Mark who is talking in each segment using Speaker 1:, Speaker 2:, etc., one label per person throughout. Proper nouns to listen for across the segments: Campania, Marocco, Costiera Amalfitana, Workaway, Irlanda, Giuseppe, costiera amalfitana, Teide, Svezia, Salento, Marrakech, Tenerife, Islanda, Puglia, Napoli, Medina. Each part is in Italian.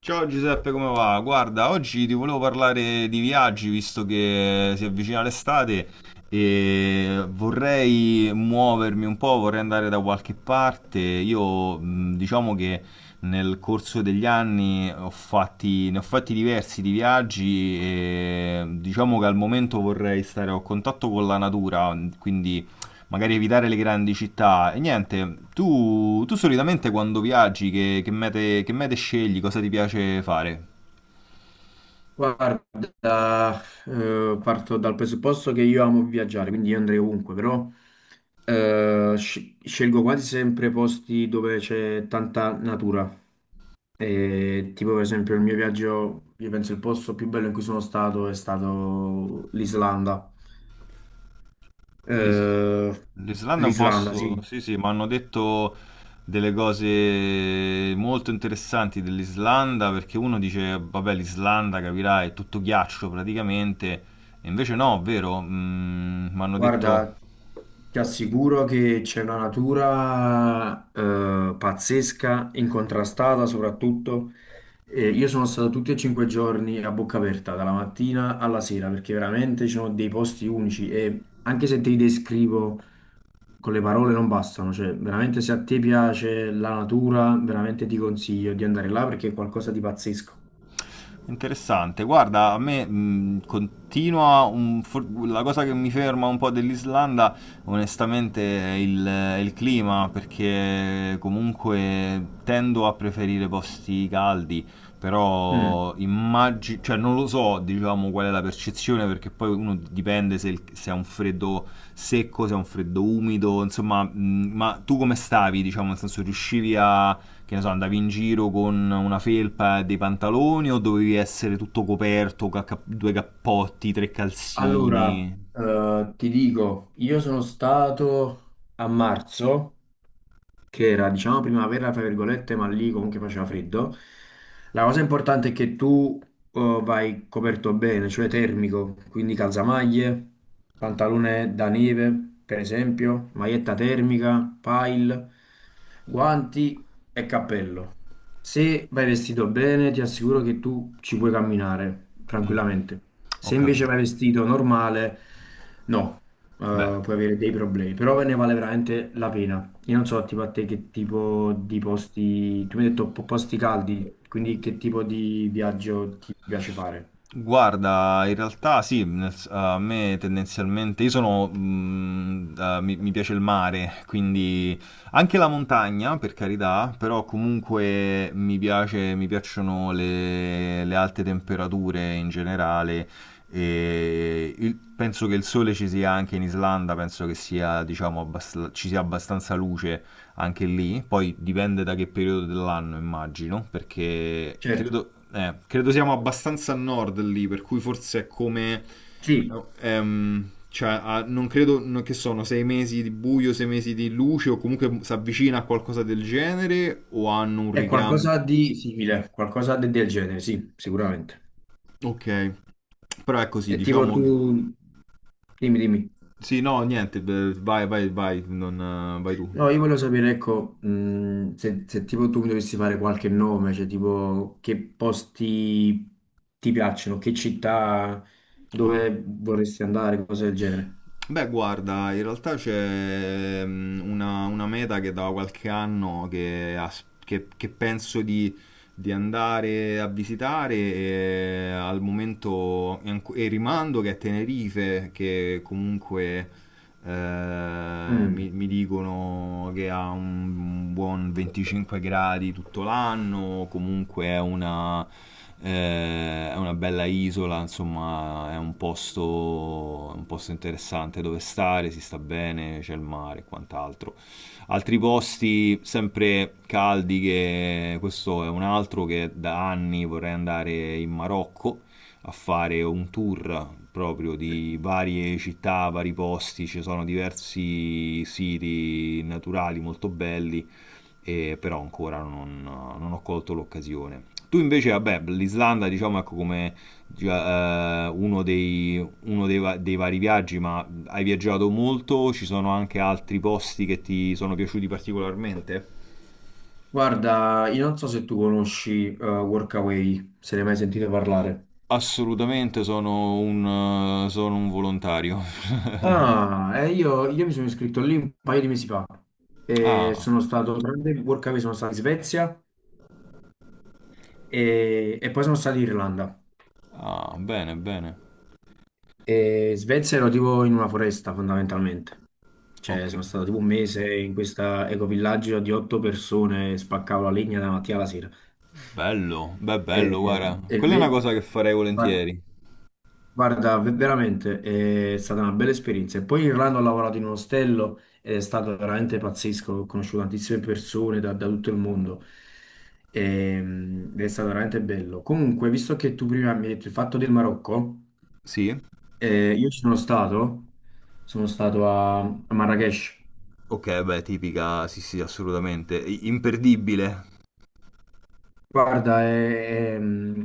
Speaker 1: Ciao Giuseppe, come va? Guarda, oggi ti volevo parlare di viaggi visto che si avvicina l'estate e vorrei muovermi un po', vorrei andare da qualche parte. Io diciamo che nel corso degli anni ne ho fatti diversi di viaggi e diciamo che al momento vorrei stare a contatto con la natura, quindi magari evitare le grandi città. E niente, tu solitamente quando viaggi, che mete scegli, cosa ti piace fare?
Speaker 2: Guarda, parto dal presupposto che io amo viaggiare, quindi io andrei ovunque, però scelgo quasi sempre posti dove c'è tanta natura. E tipo per esempio il mio viaggio, io penso il posto più bello in cui sono stato è stato l'Islanda.
Speaker 1: L'Is-
Speaker 2: Eh,
Speaker 1: L'Islanda è un
Speaker 2: L'Islanda,
Speaker 1: posto,
Speaker 2: sì.
Speaker 1: sì, sì, mi hanno detto delle cose molto interessanti dell'Islanda, perché uno dice, vabbè, l'Islanda, capirai, è tutto ghiaccio praticamente, e invece no, vero? Mi hanno detto.
Speaker 2: Guarda, ti assicuro che c'è una natura pazzesca, incontrastata soprattutto. Io sono stato tutti e 5 giorni a bocca aperta, dalla mattina alla sera, perché veramente ci sono dei posti unici e anche se te li descrivo con le parole non bastano, cioè veramente se a te piace la natura, veramente ti consiglio di andare là perché è qualcosa di pazzesco.
Speaker 1: Interessante, guarda, a me continua la cosa che mi ferma un po' dell'Islanda, onestamente, è il clima, perché comunque tendo a preferire posti caldi,
Speaker 2: Mm.
Speaker 1: però immagino, cioè non lo so, diciamo, qual è la percezione, perché poi uno dipende se, se è un freddo secco, se è un freddo umido, insomma, ma tu come stavi, diciamo, nel senso riuscivi a che ne so, andavi in giro con una felpa e dei pantaloni o dovevi essere tutto coperto, due cappotti, tre
Speaker 2: Allora,
Speaker 1: calzini?
Speaker 2: ti dico, io sono stato a marzo, che era, diciamo, primavera, tra virgolette, ma lì comunque faceva freddo. La cosa importante è che tu vai coperto bene, cioè termico, quindi calzamaglie, pantalone da neve, per esempio, maglietta termica, pile, guanti e cappello. Se vai vestito bene, ti assicuro che tu ci puoi camminare
Speaker 1: Mm,
Speaker 2: tranquillamente.
Speaker 1: ho
Speaker 2: Se invece vai
Speaker 1: capito.
Speaker 2: vestito normale, no
Speaker 1: Beh,
Speaker 2: puoi avere dei
Speaker 1: ok.
Speaker 2: problemi, però ne vale veramente la pena. Io non so, tipo a te che tipo di posti, tu mi hai detto posti caldi, quindi che tipo di viaggio ti piace fare?
Speaker 1: Guarda, in realtà sì, a me tendenzialmente, io sono, mi piace il mare, quindi anche la montagna, per carità, però comunque mi piacciono le alte temperature in generale e penso che il sole ci sia anche in Islanda, penso che sia, diciamo, ci sia abbastanza luce anche lì, poi dipende da che periodo dell'anno immagino, perché
Speaker 2: Certo,
Speaker 1: credo siamo abbastanza a nord lì, per cui forse è come.
Speaker 2: sì,
Speaker 1: Cioè, non credo che sono sei mesi di buio, sei mesi di luce, o comunque si avvicina a qualcosa del genere, o hanno un
Speaker 2: è
Speaker 1: ricambio.
Speaker 2: qualcosa di simile, qualcosa del genere, sì, sicuramente.
Speaker 1: Ok, però è così,
Speaker 2: E tipo
Speaker 1: diciamo
Speaker 2: tu,
Speaker 1: che.
Speaker 2: dimmi.
Speaker 1: Sì, no, niente, beh, vai, vai, vai, non, vai tu.
Speaker 2: No, io volevo sapere, ecco, se, se tipo tu mi dovessi fare qualche nome, cioè tipo che posti ti piacciono, che città, dove vorresti andare, cose del genere.
Speaker 1: Beh, guarda, in realtà c'è una meta che da qualche anno che penso di andare a visitare e al momento e rimando che è Tenerife, che comunque
Speaker 2: Mm.
Speaker 1: mi dicono che ha un buon 25 gradi tutto l'anno, comunque è una bella isola, insomma, è un posto interessante dove stare, si sta bene, c'è il mare e quant'altro. Altri posti sempre caldi, che questo è un altro che da anni vorrei andare in Marocco a fare un tour proprio di varie città, vari posti, ci sono diversi siti naturali molto belli, e però ancora non ho colto l'occasione. Tu invece, vabbè, l'Islanda diciamo ecco come già, uno dei vari viaggi, ma hai viaggiato molto, ci sono anche altri posti che ti sono piaciuti particolarmente?
Speaker 2: Guarda, io non so se tu conosci Workaway, se ne hai mai sentito parlare.
Speaker 1: Assolutamente sono un volontario.
Speaker 2: Io mi sono iscritto lì un paio di mesi fa. E
Speaker 1: Ah.
Speaker 2: sono stato, durante il Workaway sono stato in Svezia e poi sono stato in Irlanda.
Speaker 1: Ah, bene, bene.
Speaker 2: E in Svezia ero tipo in una foresta fondamentalmente. Cioè,
Speaker 1: Ok.
Speaker 2: sono stato tipo un mese in questo ecovillaggio di otto persone, spaccavo la legna dalla mattina alla sera.
Speaker 1: Bello. Beh,
Speaker 2: E,
Speaker 1: bello, guarda.
Speaker 2: e
Speaker 1: Quella è una
Speaker 2: ve-
Speaker 1: cosa che farei
Speaker 2: guarda,
Speaker 1: volentieri.
Speaker 2: guarda, veramente è stata una bella esperienza. E poi in Irlanda ho lavorato in un ostello ed è stato veramente pazzesco. Ho conosciuto tantissime persone da tutto il mondo. Ed è stato veramente bello. Comunque, visto che tu prima mi hai detto il fatto del Marocco,
Speaker 1: Sì?
Speaker 2: io ci sono stato a Marrakech.
Speaker 1: Ok, beh, tipica, sì, sì, assolutamente. Imperdibile.
Speaker 2: Guarda,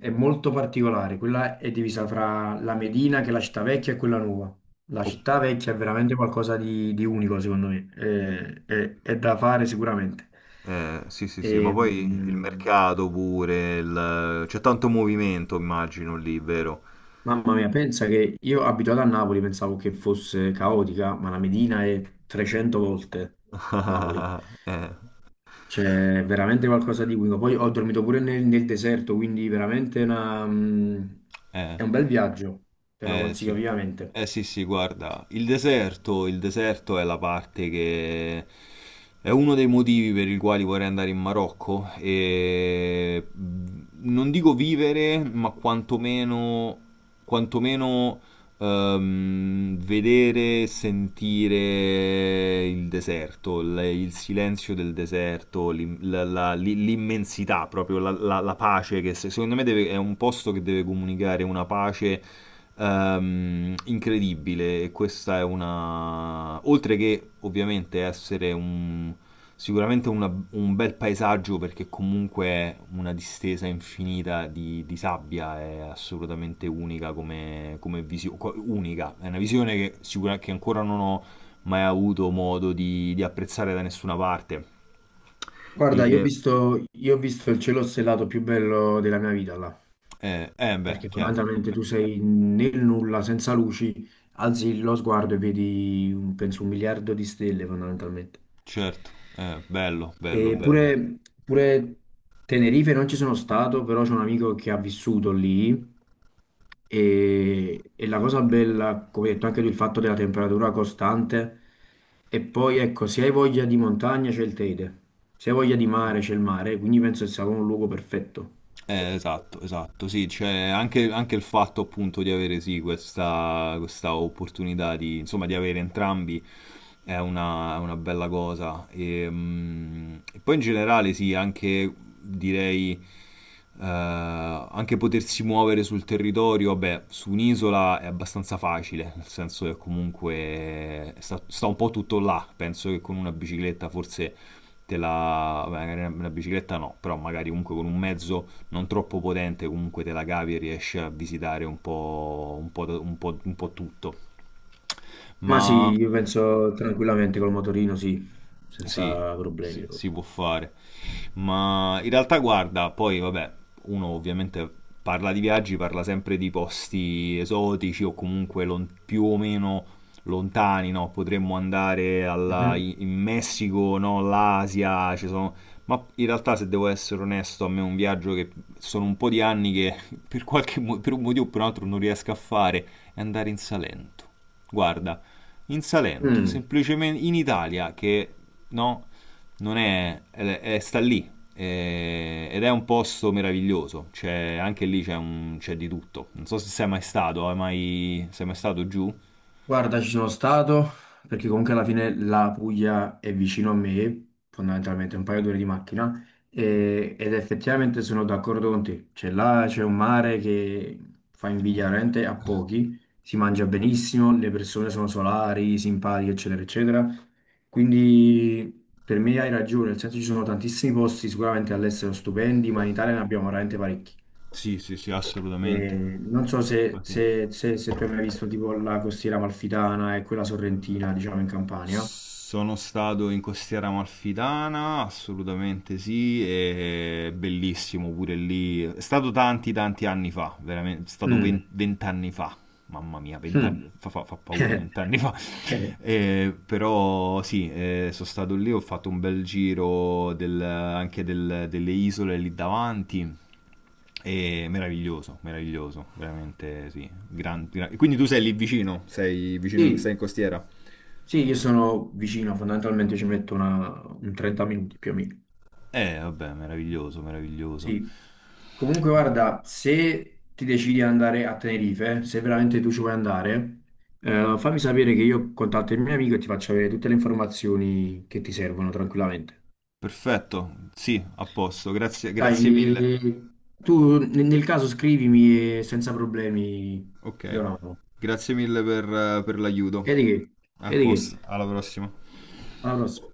Speaker 2: è molto particolare. Quella è divisa fra la Medina, che è la città vecchia, e quella nuova. La
Speaker 1: Oh,
Speaker 2: città vecchia è veramente qualcosa di unico, secondo me. È da fare sicuramente.
Speaker 1: sì, sì, sì, ma
Speaker 2: E,
Speaker 1: poi il
Speaker 2: mm,
Speaker 1: mercato pure, c'è tanto movimento, immagino lì, vero?
Speaker 2: mamma mia, pensa che io abituato a Napoli pensavo che fosse caotica, ma la Medina è 300 volte Napoli.
Speaker 1: Eh,
Speaker 2: C'è veramente qualcosa di unico. Poi ho dormito pure nel deserto, quindi veramente
Speaker 1: eh,
Speaker 2: è un bel viaggio, te lo consiglio
Speaker 1: sì.
Speaker 2: vivamente.
Speaker 1: Eh sì, sì, guarda, il deserto è la parte che è uno dei motivi per i quali vorrei andare in Marocco e non dico vivere, ma quantomeno, vedere, sentire il deserto, il silenzio del deserto, l'immensità, proprio la pace che secondo me è un posto che deve comunicare una pace incredibile. E questa è una, oltre che ovviamente essere un. Sicuramente un bel paesaggio perché comunque una distesa infinita di sabbia è assolutamente unica come visione, unica, è una visione che, che ancora non ho mai avuto modo di apprezzare da nessuna parte.
Speaker 2: Guarda,
Speaker 1: E
Speaker 2: io ho visto il cielo stellato più bello della mia vita là,
Speaker 1: beh,
Speaker 2: perché
Speaker 1: chiaro,
Speaker 2: fondamentalmente tu sei nel nulla, senza luci, alzi lo sguardo e vedi, penso, 1 miliardo di stelle fondamentalmente.
Speaker 1: certo, bello, bello,
Speaker 2: E
Speaker 1: bello.
Speaker 2: pure Tenerife non ci sono stato, però c'è un amico che ha vissuto lì e la cosa bella, come hai detto anche tu, il fatto della temperatura costante. E poi ecco, se hai voglia di montagna c'è il Teide, se hai voglia di mare c'è il mare, quindi penso che sia proprio un luogo perfetto.
Speaker 1: Esatto, esatto, sì, cioè anche, anche il fatto appunto di avere sì questa, opportunità di, insomma, di avere entrambi è una bella cosa. E, e poi in generale sì, anche direi eh, anche potersi muovere sul territorio, vabbè, su un'isola è abbastanza facile, nel senso che comunque sta un po' tutto là, penso che con una bicicletta forse te la. Vabbè, magari una bicicletta no, però magari comunque con un mezzo non troppo potente, comunque te la cavi e riesci a visitare un po', da- un po' tutto.
Speaker 2: Ma
Speaker 1: Ma
Speaker 2: sì, io penso tranquillamente col motorino, sì,
Speaker 1: sì,
Speaker 2: senza
Speaker 1: si,
Speaker 2: problemi proprio.
Speaker 1: si può fare. Ma in realtà, guarda, poi vabbè, uno ovviamente parla di viaggi, parla sempre di posti esotici o comunque più o meno lontani, no? Potremmo andare
Speaker 2: Mhm.
Speaker 1: in Messico, no? L'Asia, ci sono. Ma in realtà, se devo essere onesto, a me è un viaggio che sono un po' di anni che per un motivo o per un altro non riesco a fare è andare in Salento. Guarda, in Salento,
Speaker 2: Mm.
Speaker 1: semplicemente in Italia, che no, non è, sta lì ed è un posto meraviglioso. C'è, anche lì c'è, c'è di tutto. Non so se sei mai stato, hai mai, sei mai stato giù?
Speaker 2: Guarda, ci sono stato perché comunque alla fine la Puglia è vicino a me, fondamentalmente un paio d'ore di macchina, ed effettivamente sono d'accordo con te. Cioè là c'è un mare che fa
Speaker 1: Eh,
Speaker 2: invidia veramente a pochi, si mangia benissimo, le persone sono solari, simpatiche, eccetera, eccetera. Quindi per me hai ragione, nel senso ci sono tantissimi posti sicuramente all'estero stupendi, ma in Italia ne abbiamo veramente parecchi.
Speaker 1: Sì, sì, sì, assolutamente.
Speaker 2: Non so se,
Speaker 1: Infatti-
Speaker 2: se tu hai mai visto tipo la costiera amalfitana e quella sorrentina, diciamo, in Campania.
Speaker 1: Sono stato in Costiera Amalfitana, assolutamente sì, e bellissimo pure lì. È stato tanti, tanti anni fa, veramente, è stato
Speaker 2: Mm,
Speaker 1: vent'anni fa. Mamma mia,
Speaker 2: mm.
Speaker 1: vent'anni fa, fa paura, vent'anni fa.
Speaker 2: Eh,
Speaker 1: Però sì, sono stato lì, ho fatto un bel giro delle isole lì davanti. E meraviglioso, meraviglioso, veramente sì. Quindi tu sei lì vicino, sei
Speaker 2: sì,
Speaker 1: in costiera?
Speaker 2: sì, io sono vicino, fondamentalmente ci metto un 30 minuti più o meno.
Speaker 1: Vabbè, meraviglioso, meraviglioso.
Speaker 2: Sì. Comunque, guarda, se ti decidi di andare a Tenerife, se veramente tu ci vuoi andare, fammi sapere che io contatto il mio amico e ti faccio avere tutte le informazioni che ti servono tranquillamente.
Speaker 1: Perfetto, sì, a posto, grazie,
Speaker 2: Dai,
Speaker 1: grazie mille.
Speaker 2: eh, tu nel caso scrivimi e senza problemi
Speaker 1: Ok,
Speaker 2: ti do una mano.
Speaker 1: grazie mille per l'aiuto.
Speaker 2: E di che?
Speaker 1: A
Speaker 2: E di
Speaker 1: posto,
Speaker 2: che?
Speaker 1: alla prossima.
Speaker 2: Alla prossima.